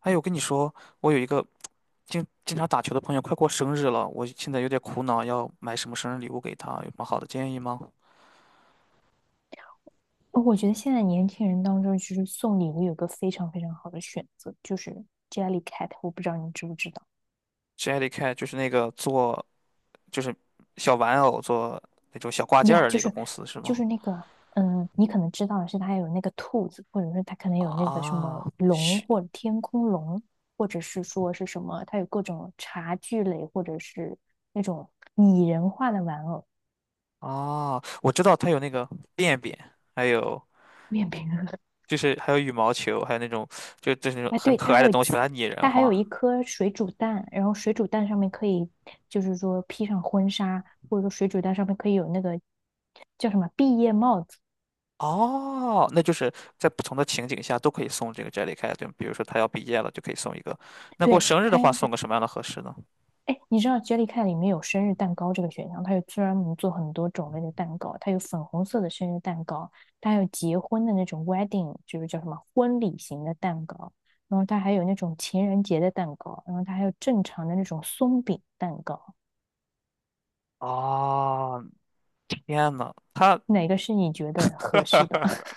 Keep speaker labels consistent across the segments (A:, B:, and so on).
A: 哎，我跟你说，我有一个经常打球的朋友，快过生日了，我现在有点苦恼，要买什么生日礼物给他？有什么好的建议吗
B: 哦，我觉得现在年轻人当中，就是送礼物有个非常非常好的选择，就是 Jellycat，我不知道你知不知道
A: ？Jelly Cat 就是那个做就是小玩偶做那种小挂件儿
B: 呀
A: 的
B: 就
A: 那个
B: 是
A: 公司是
B: 就
A: 吗？
B: 是那个，你可能知道的是它有那个兔子，或者是它可能有那个什
A: 啊，
B: 么龙
A: 是
B: 或者天空龙，或者是说是什么，它有各种茶具类或者是那种拟人化的玩偶，
A: 啊，我知道他有那个便便，还有
B: 面 饼
A: 就是还有羽毛球，还有那种就是那种
B: 哎，
A: 很
B: 对，
A: 可
B: 它
A: 爱
B: 还
A: 的
B: 有
A: 东西，
B: 鸡，
A: 把它拟人
B: 它还
A: 化。
B: 有一颗水煮蛋，然后水煮蛋上面可以，就是说披上婚纱，或者说水煮蛋上面可以有那个叫什么毕业帽子。
A: 哦，那就是在不同的情景下都可以送这个 Jellycat，对吗？比如说他要毕业了，就可以送一个。那过
B: 对，
A: 生日的
B: 它
A: 话，
B: 要
A: 送
B: 是，
A: 个什么样的合适呢？
B: 哎，你知道 Jellycat 里面有生日蛋糕这个选项，它有专门做很多种类的蛋糕，它有粉红色的生日蛋糕，它还有结婚的那种 wedding，就是叫什么婚礼型的蛋糕，然后它还有那种情人节的蛋糕，然后它还有正常的那种松饼蛋糕，
A: 哦，天呐，他
B: 哪个是你觉得合适的？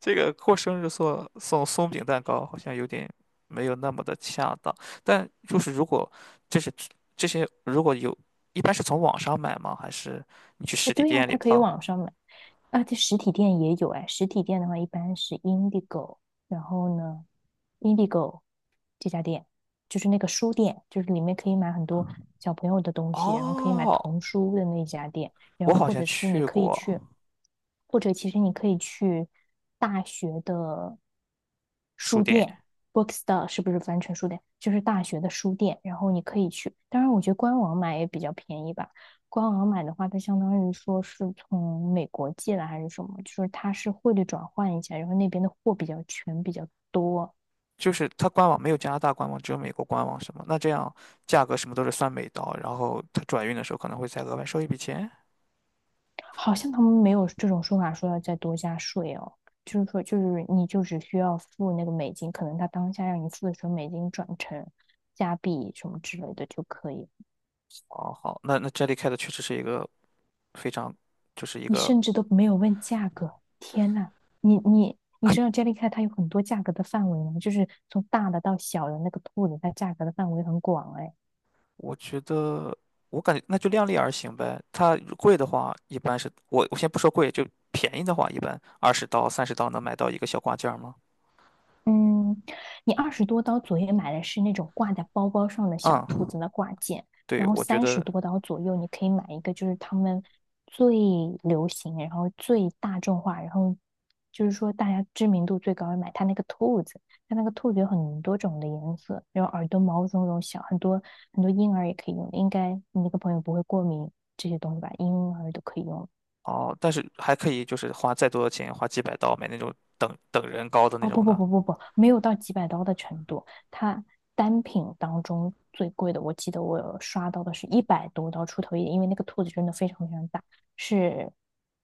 A: 这个过生日送送松饼蛋糕好像有点没有那么的恰当。但就是如果这是这些如果有，一般是从网上买吗？还是你去实
B: 哎，
A: 体
B: 对呀、
A: 店里
B: 它可以
A: 碰？
B: 网上买，啊，这实体店也有哎。实体店的话，一般是 Indigo，然后呢，Indigo 这家店就是那个书店，就是里面可以买很多小朋友的东西，然后可以买
A: 哦，
B: 童书的那家店，然
A: 我
B: 后
A: 好
B: 或
A: 像
B: 者是你
A: 去
B: 可以
A: 过
B: 去，或者其实你可以去大学的
A: 书
B: 书
A: 店。
B: 店，Bookstore 是不是翻成书店？就是大学的书店，然后你可以去。当然，我觉得官网买也比较便宜吧。官网买的话，它相当于说是从美国寄来还是什么，就是它是汇率转换一下，然后那边的货比较全，比较多，
A: 就是它官网没有加拿大官网，只有美国官网什么？那这样价格什么都是算美刀，然后它转运的时候可能会再额外收一笔钱。
B: 好像他们没有这种说法说要再多加税哦，就是说就是你就只需要付那个美金，可能他当下让你付的时候美金转成加币什么之类的就可以，
A: 哦，好，那 Jellycat 确实是一个非常，就是一
B: 你
A: 个，
B: 甚至都没有问价格，天呐，你你。你知道 Jellycat 它有很多价格的范围吗？就是从大的到小的那个兔子，它价格的范围很广哎。
A: 我觉得我感觉那就量力而行呗。它贵的话，一般是我先不说贵，就便宜的话，一般20刀30刀能买到一个小挂件儿吗？
B: 嗯，你20多刀左右买的是那种挂在包包上的小兔
A: 嗯，
B: 子的挂件，
A: 对，
B: 然后
A: 我觉
B: 三十
A: 得
B: 多刀左右你可以买一个，就是他们最流行，然后最大众化，然后就是说大家知名度最高，的买它那个兔子，它那个兔子有很多种的颜色，然后耳朵毛茸茸小，很多很多婴儿也可以用，应该你那个朋友不会过敏这些东西吧？婴儿都可以用。
A: 哦，但是还可以就是花再多的钱，花几百刀买那种等等人高的那
B: 哦，不
A: 种
B: 不
A: 的。
B: 不不不，没有到几百刀的程度。它单品当中最贵的，我记得我有刷到的是100多刀出头一点，因为那个兔子真的非常非常大，是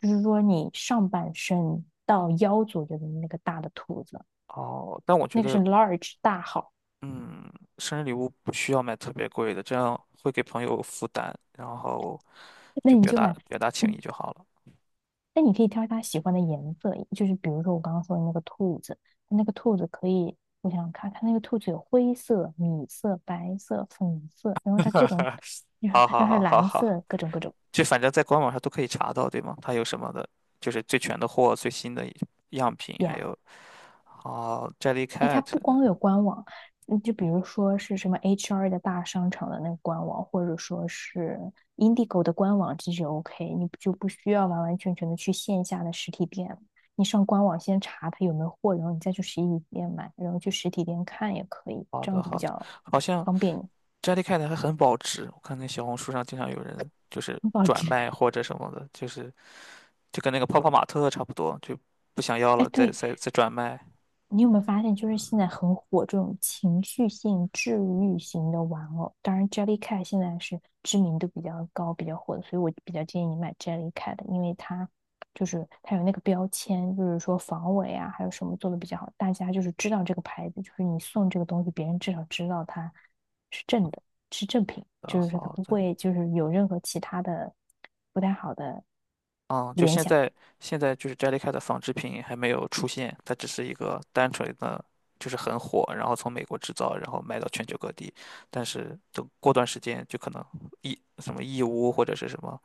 B: 就是说你上半身到腰左右的那个大的兔子，
A: 哦，但我觉
B: 那个是
A: 得
B: large 大号，
A: 嗯，生日礼物不需要买特别贵的，这样会给朋友负担，然后
B: 那
A: 就
B: 你
A: 表
B: 就
A: 达
B: 买。
A: 表达情谊
B: 嗯，
A: 就好了。
B: 那你可以挑他喜欢的颜色，就是比如说我刚刚说的那个兔子，那个兔子可以，我想想看，它那个兔子有灰色、米色、白色、粉色，然后它各种，然后
A: 好
B: 然后
A: 好
B: 还有
A: 好好
B: 蓝
A: 好，
B: 色，各种各种
A: 就反正在官网上都可以查到，对吗？它有什么的，就是最全的货、最新的样品，还
B: 呀。
A: 有哦
B: 哎，它
A: ，Jellycat。
B: 不光有官网，嗯，就比如说是什么 HR 的大商场的那个官网，或者说是 Indigo 的官网，这就 OK，你就不需要完完全全的去线下的实体店了，你上官网先查它有没有货，然后你再去实体店买，然后去实体店看也可以，
A: 好
B: 这
A: 的
B: 样子
A: 好
B: 比
A: 的，
B: 较
A: 好像
B: 方便你。
A: Jellycat 还很保值，我看那小红书上经常有人就是
B: 很保
A: 转
B: 值。
A: 卖或者什么的，就是就跟那个泡泡玛特差不多，就不想要
B: 哎，
A: 了再
B: 对，
A: 再再转卖。
B: 你有没有发现，就是现在很火这种情绪性、治愈型的玩偶？当然，Jellycat 现在是知名度比较高、比较火的，所以我比较建议你买 Jellycat 的因为它就是它有那个标签，就是说防伪啊，还有什么做的比较好，大家就是知道这个牌子，就是你送这个东西，别人至少知道它是正的，是正品，就是说它
A: 好
B: 不
A: 的。
B: 会就是有任何其他的不太好的
A: 嗯，就
B: 联
A: 现
B: 想。
A: 在，现在就是 Jellycat 的纺织品还没有出现，它只是一个单纯的，就是很火，然后从美国制造，然后卖到全球各地。但是等过段时间，就可能义什么义乌或者是什么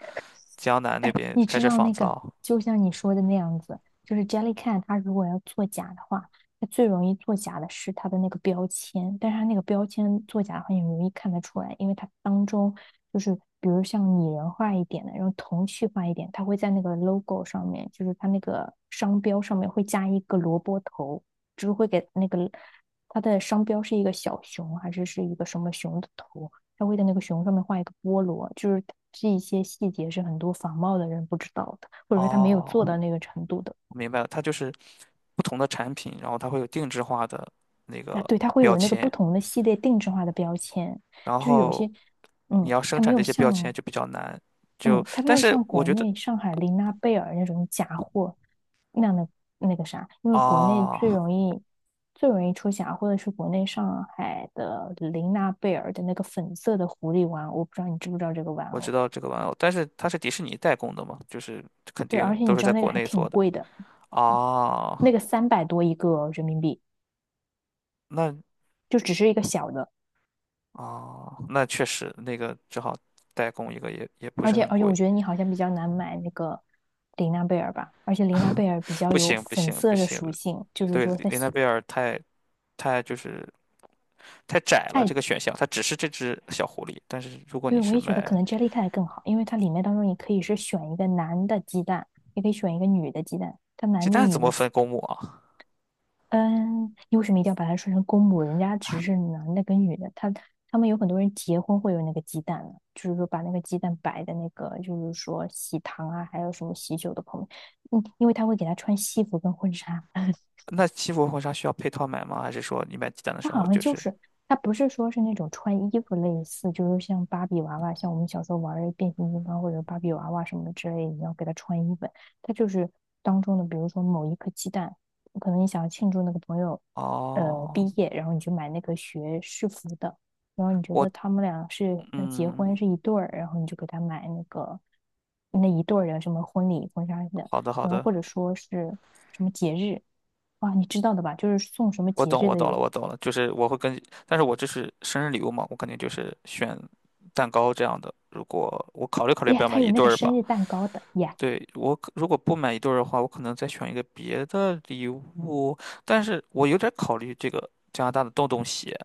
A: 江南那
B: 哎，
A: 边
B: 你
A: 开
B: 知
A: 始
B: 道
A: 仿
B: 那个，
A: 造。
B: 就像你说的那样子，就是 Jellycat，它如果要作假的话，它最容易作假的是它的那个标签，但是它那个标签作假很话，你容易看得出来，因为它当中就是比如像拟人化一点的，然后童趣化一点，它会在那个 logo 上面，就是它那个商标上面会加一个萝卜头，就是会给那个它的商标是一个小熊还是一个什么熊的头，他会在那个熊上面画一个菠萝，就是这一些细节是很多仿冒的人不知道的，或者说他没有做
A: 哦，
B: 到那个程度的。
A: 我明白了，它就是不同的产品，然后它会有定制化的那
B: 啊，
A: 个
B: 对，他会
A: 标
B: 有那个
A: 签，
B: 不同的系列定制化的标签，
A: 然
B: 就是有
A: 后
B: 些，
A: 你
B: 嗯，
A: 要生
B: 他没
A: 产
B: 有
A: 这些标签
B: 像，
A: 就比较难。就
B: 嗯，他没
A: 但
B: 有
A: 是
B: 像
A: 我
B: 国
A: 觉得
B: 内上海琳娜贝尔那种假货那样的那个啥，因为国内
A: 啊。
B: 最容
A: 哦
B: 易最容易出假货的是国内上海的琳娜贝尔的那个粉色的狐狸玩偶，我不知道你知不知道这个玩
A: 我知
B: 偶？
A: 道这个玩偶，但是它是迪士尼代工的嘛，就是肯
B: 对，
A: 定
B: 而且
A: 都
B: 你
A: 是
B: 知
A: 在
B: 道那个
A: 国
B: 还
A: 内
B: 挺
A: 做的。
B: 贵的，
A: 啊，
B: 那个300多一个人民币，
A: 那
B: 就只是一个小的，
A: 那确实那个只好代工一个也不
B: 而
A: 是
B: 且
A: 很
B: 而且我
A: 贵。
B: 觉得你好像比较难买那个玲娜贝尔吧，而且玲娜贝 尔比较
A: 不
B: 有
A: 行不
B: 粉
A: 行不
B: 色的
A: 行，
B: 属性，就是
A: 对，
B: 说它
A: 林奈贝尔太就是太窄了这
B: 太，
A: 个选项，它只是这只小狐狸。但是如果你
B: 对，我
A: 是
B: 也觉得
A: 买
B: 可能 Jellycat 更好，因为它里面当中你可以是选一个男的鸡蛋，也可以选一个女的鸡蛋，它
A: 鸡
B: 男的
A: 蛋，怎
B: 女
A: 么
B: 的
A: 分公母啊？
B: 嗯，你为什么一定要把它说成公母？人家只是男的跟女的，他们有很多人结婚会有那个鸡蛋呢，就是说把那个鸡蛋摆在那个，就是说喜糖啊，还有什么喜酒的旁边，嗯，因为他会给他穿西服跟婚纱。
A: 那西服婚纱需要配套买吗？还是说你买鸡蛋的
B: 它
A: 时
B: 好
A: 候
B: 像
A: 就
B: 就
A: 是？
B: 是它不是说是那种穿衣服类似，就是像芭比娃娃，像我们小时候玩儿的变形金刚或者芭比娃娃什么之类的，你要给它穿衣服。它就是当中的，比如说某一颗鸡蛋，可能你想要庆祝那个朋友
A: 哦，
B: 毕业，然后你就买那个学士服的，然后你觉
A: 我
B: 得他们俩是要结婚
A: 嗯，
B: 是一对儿，然后你就给他买那个那一对儿的什么婚礼婚纱的，
A: 好的好
B: 然后
A: 的。
B: 或者说是什么节日。哇，你知道的吧？就是送什么
A: 我
B: 节
A: 懂，
B: 日
A: 我
B: 的
A: 懂
B: 有
A: 了，我懂了，就是我会跟，但是我这是生日礼物嘛，我肯定就是选蛋糕这样的。如果我考虑考虑要不
B: 耶，
A: 要买
B: 他有
A: 一
B: 那
A: 对
B: 个
A: 儿吧，
B: 生日蛋糕的耶，
A: 对，我可如果不买一对儿的话，我可能再选一个别的礼物，但是我有点考虑这个加拿大的洞洞鞋，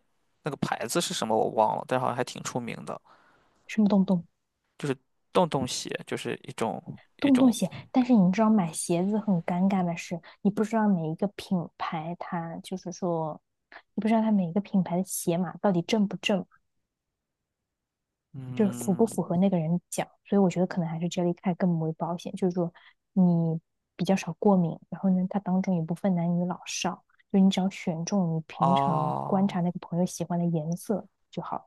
A: 那个牌子是什么我忘了，但是好像还挺出名的，
B: 什么洞洞
A: 就是洞洞鞋，就是一种一
B: 洞洞
A: 种，
B: 鞋。但是你知道买鞋子很尴尬的是，你不知道每一个品牌它就是说，你不知道它每一个品牌的鞋码到底正不正，就是符不符
A: 嗯
B: 合那个人脚。所以我觉得可能还是 Jellycat 更为保险，就是说你比较少过敏，然后呢，它当中也不分男女老少，就你只要选中你平常观察
A: 啊。
B: 那个朋友喜欢的颜色就好了。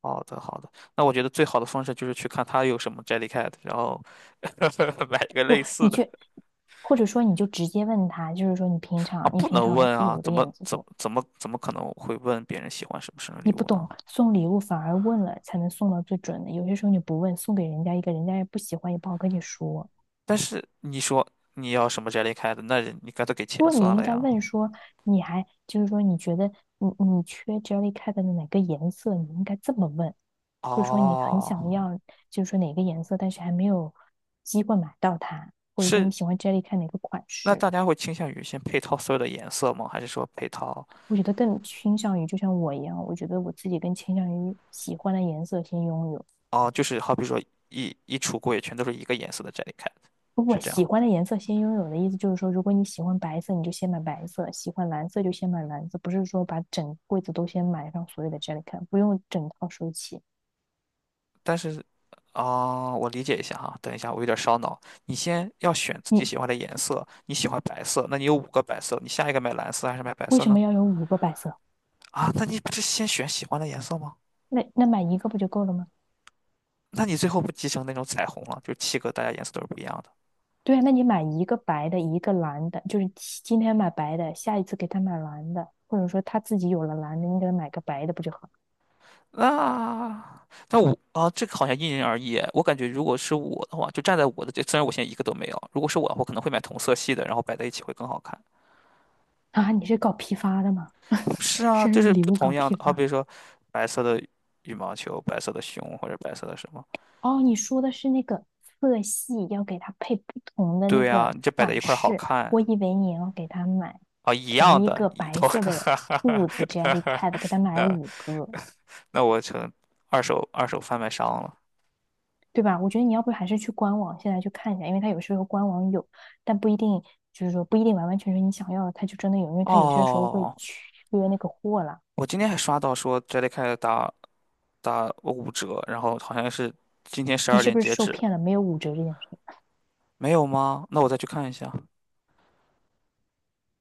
A: 好的，好的。那我觉得最好的方式就是去看他有什么 Jellycat，然后 买一个
B: 不，
A: 类似
B: 你
A: 的
B: 去，或者说你就直接问他，就是说你平
A: 啊，
B: 常你
A: 不
B: 平
A: 能问
B: 常
A: 啊，
B: 有的
A: 怎么
B: 眼子
A: 怎
B: 多，
A: 怎么怎么可能会问别人喜欢什么生日礼
B: 你不
A: 物呢？
B: 懂送礼物，反而问了才能送到最准的。有些时候你不问，送给人家一个人家也不喜欢，也不好跟你说。
A: 但是你说你要什么 Jellycat，那人你干脆给钱
B: 不过你
A: 算
B: 应
A: 了
B: 该
A: 呀。
B: 问说，你还就是说你觉得你缺 Jellycat 的哪个颜色，你应该这么问，或者说你很
A: 哦，
B: 想要就是说哪个颜色，但是还没有机会买到它，或者说你
A: 是，
B: 喜欢 Jellycat 哪个款
A: 那
B: 式。
A: 大家会倾向于先配套所有的颜色吗？还是说配套？
B: 我觉得更倾向于，就像我一样，我觉得我自己更倾向于喜欢的颜色先拥有。
A: 哦，就是好比说一橱柜全都是一个颜色的 Jellycat，
B: 不
A: 是
B: 不，
A: 这
B: 喜
A: 样
B: 欢的颜色先拥有的意思就是说，如果你喜欢白色，你就先买白色；喜欢蓝色就先买蓝色，不是说把整柜子都先买上所有的 j e l l y c a 不用整套收齐。
A: 但是啊，我理解一下哈。等一下，我有点烧脑。你先要选自己
B: 你
A: 喜欢的颜色，你喜欢白色，那你有五个白色，你下一个买蓝色还是买白
B: 为
A: 色
B: 什
A: 呢？
B: 么要有五个白色？
A: 啊，那你不是先选喜欢的颜色吗？
B: 那买一个不就够了吗？
A: 那你最后不集成那种彩虹了？就七个，大家颜色都是不一样的。
B: 对啊，那你买一个白的，一个蓝的，就是今天买白的，下一次给他买蓝的，或者说他自己有了蓝的，你给他买个白的，不就好？
A: 那那我啊，这个好像因人而异哎。我感觉如果是我的话，就站在我的这，虽然我现在一个都没有，如果是我，我可能会买同色系的，然后摆在一起会更好看。
B: 啊，你是搞批发的吗？
A: 是啊，
B: 生
A: 就
B: 日
A: 是
B: 礼
A: 不
B: 物
A: 同
B: 搞
A: 样
B: 批
A: 的，好比
B: 发？
A: 如说白色的羽毛球、白色的熊或者白色的什么。
B: 哦，你说的是那个色系，要给它配不同的那
A: 对呀，
B: 个
A: 你这摆在
B: 款
A: 一块儿好
B: 式。
A: 看
B: 我以为你要给他买
A: 啊，一样
B: 同一
A: 的，
B: 个
A: 一
B: 白
A: 头，哈
B: 色的
A: 哈哈
B: 兔子
A: 哈哈。
B: Jellycat，给他买
A: 那
B: 五个，
A: 那我成二手贩卖商了。
B: 对吧？我觉得你要不还是去官网现在去看一下，因为它有时候官网有，但不一定就是说不一定完完全全你想要的，它就真的有，因为它有些时候会
A: 哦，
B: 缺那个货啦。
A: 我今天还刷到说 Jellycat 打5折，然后好像是今天十
B: 你
A: 二
B: 是
A: 点
B: 不是
A: 截
B: 受
A: 止，
B: 骗了？没有五折这件事？
A: 没有吗？那我再去看一下。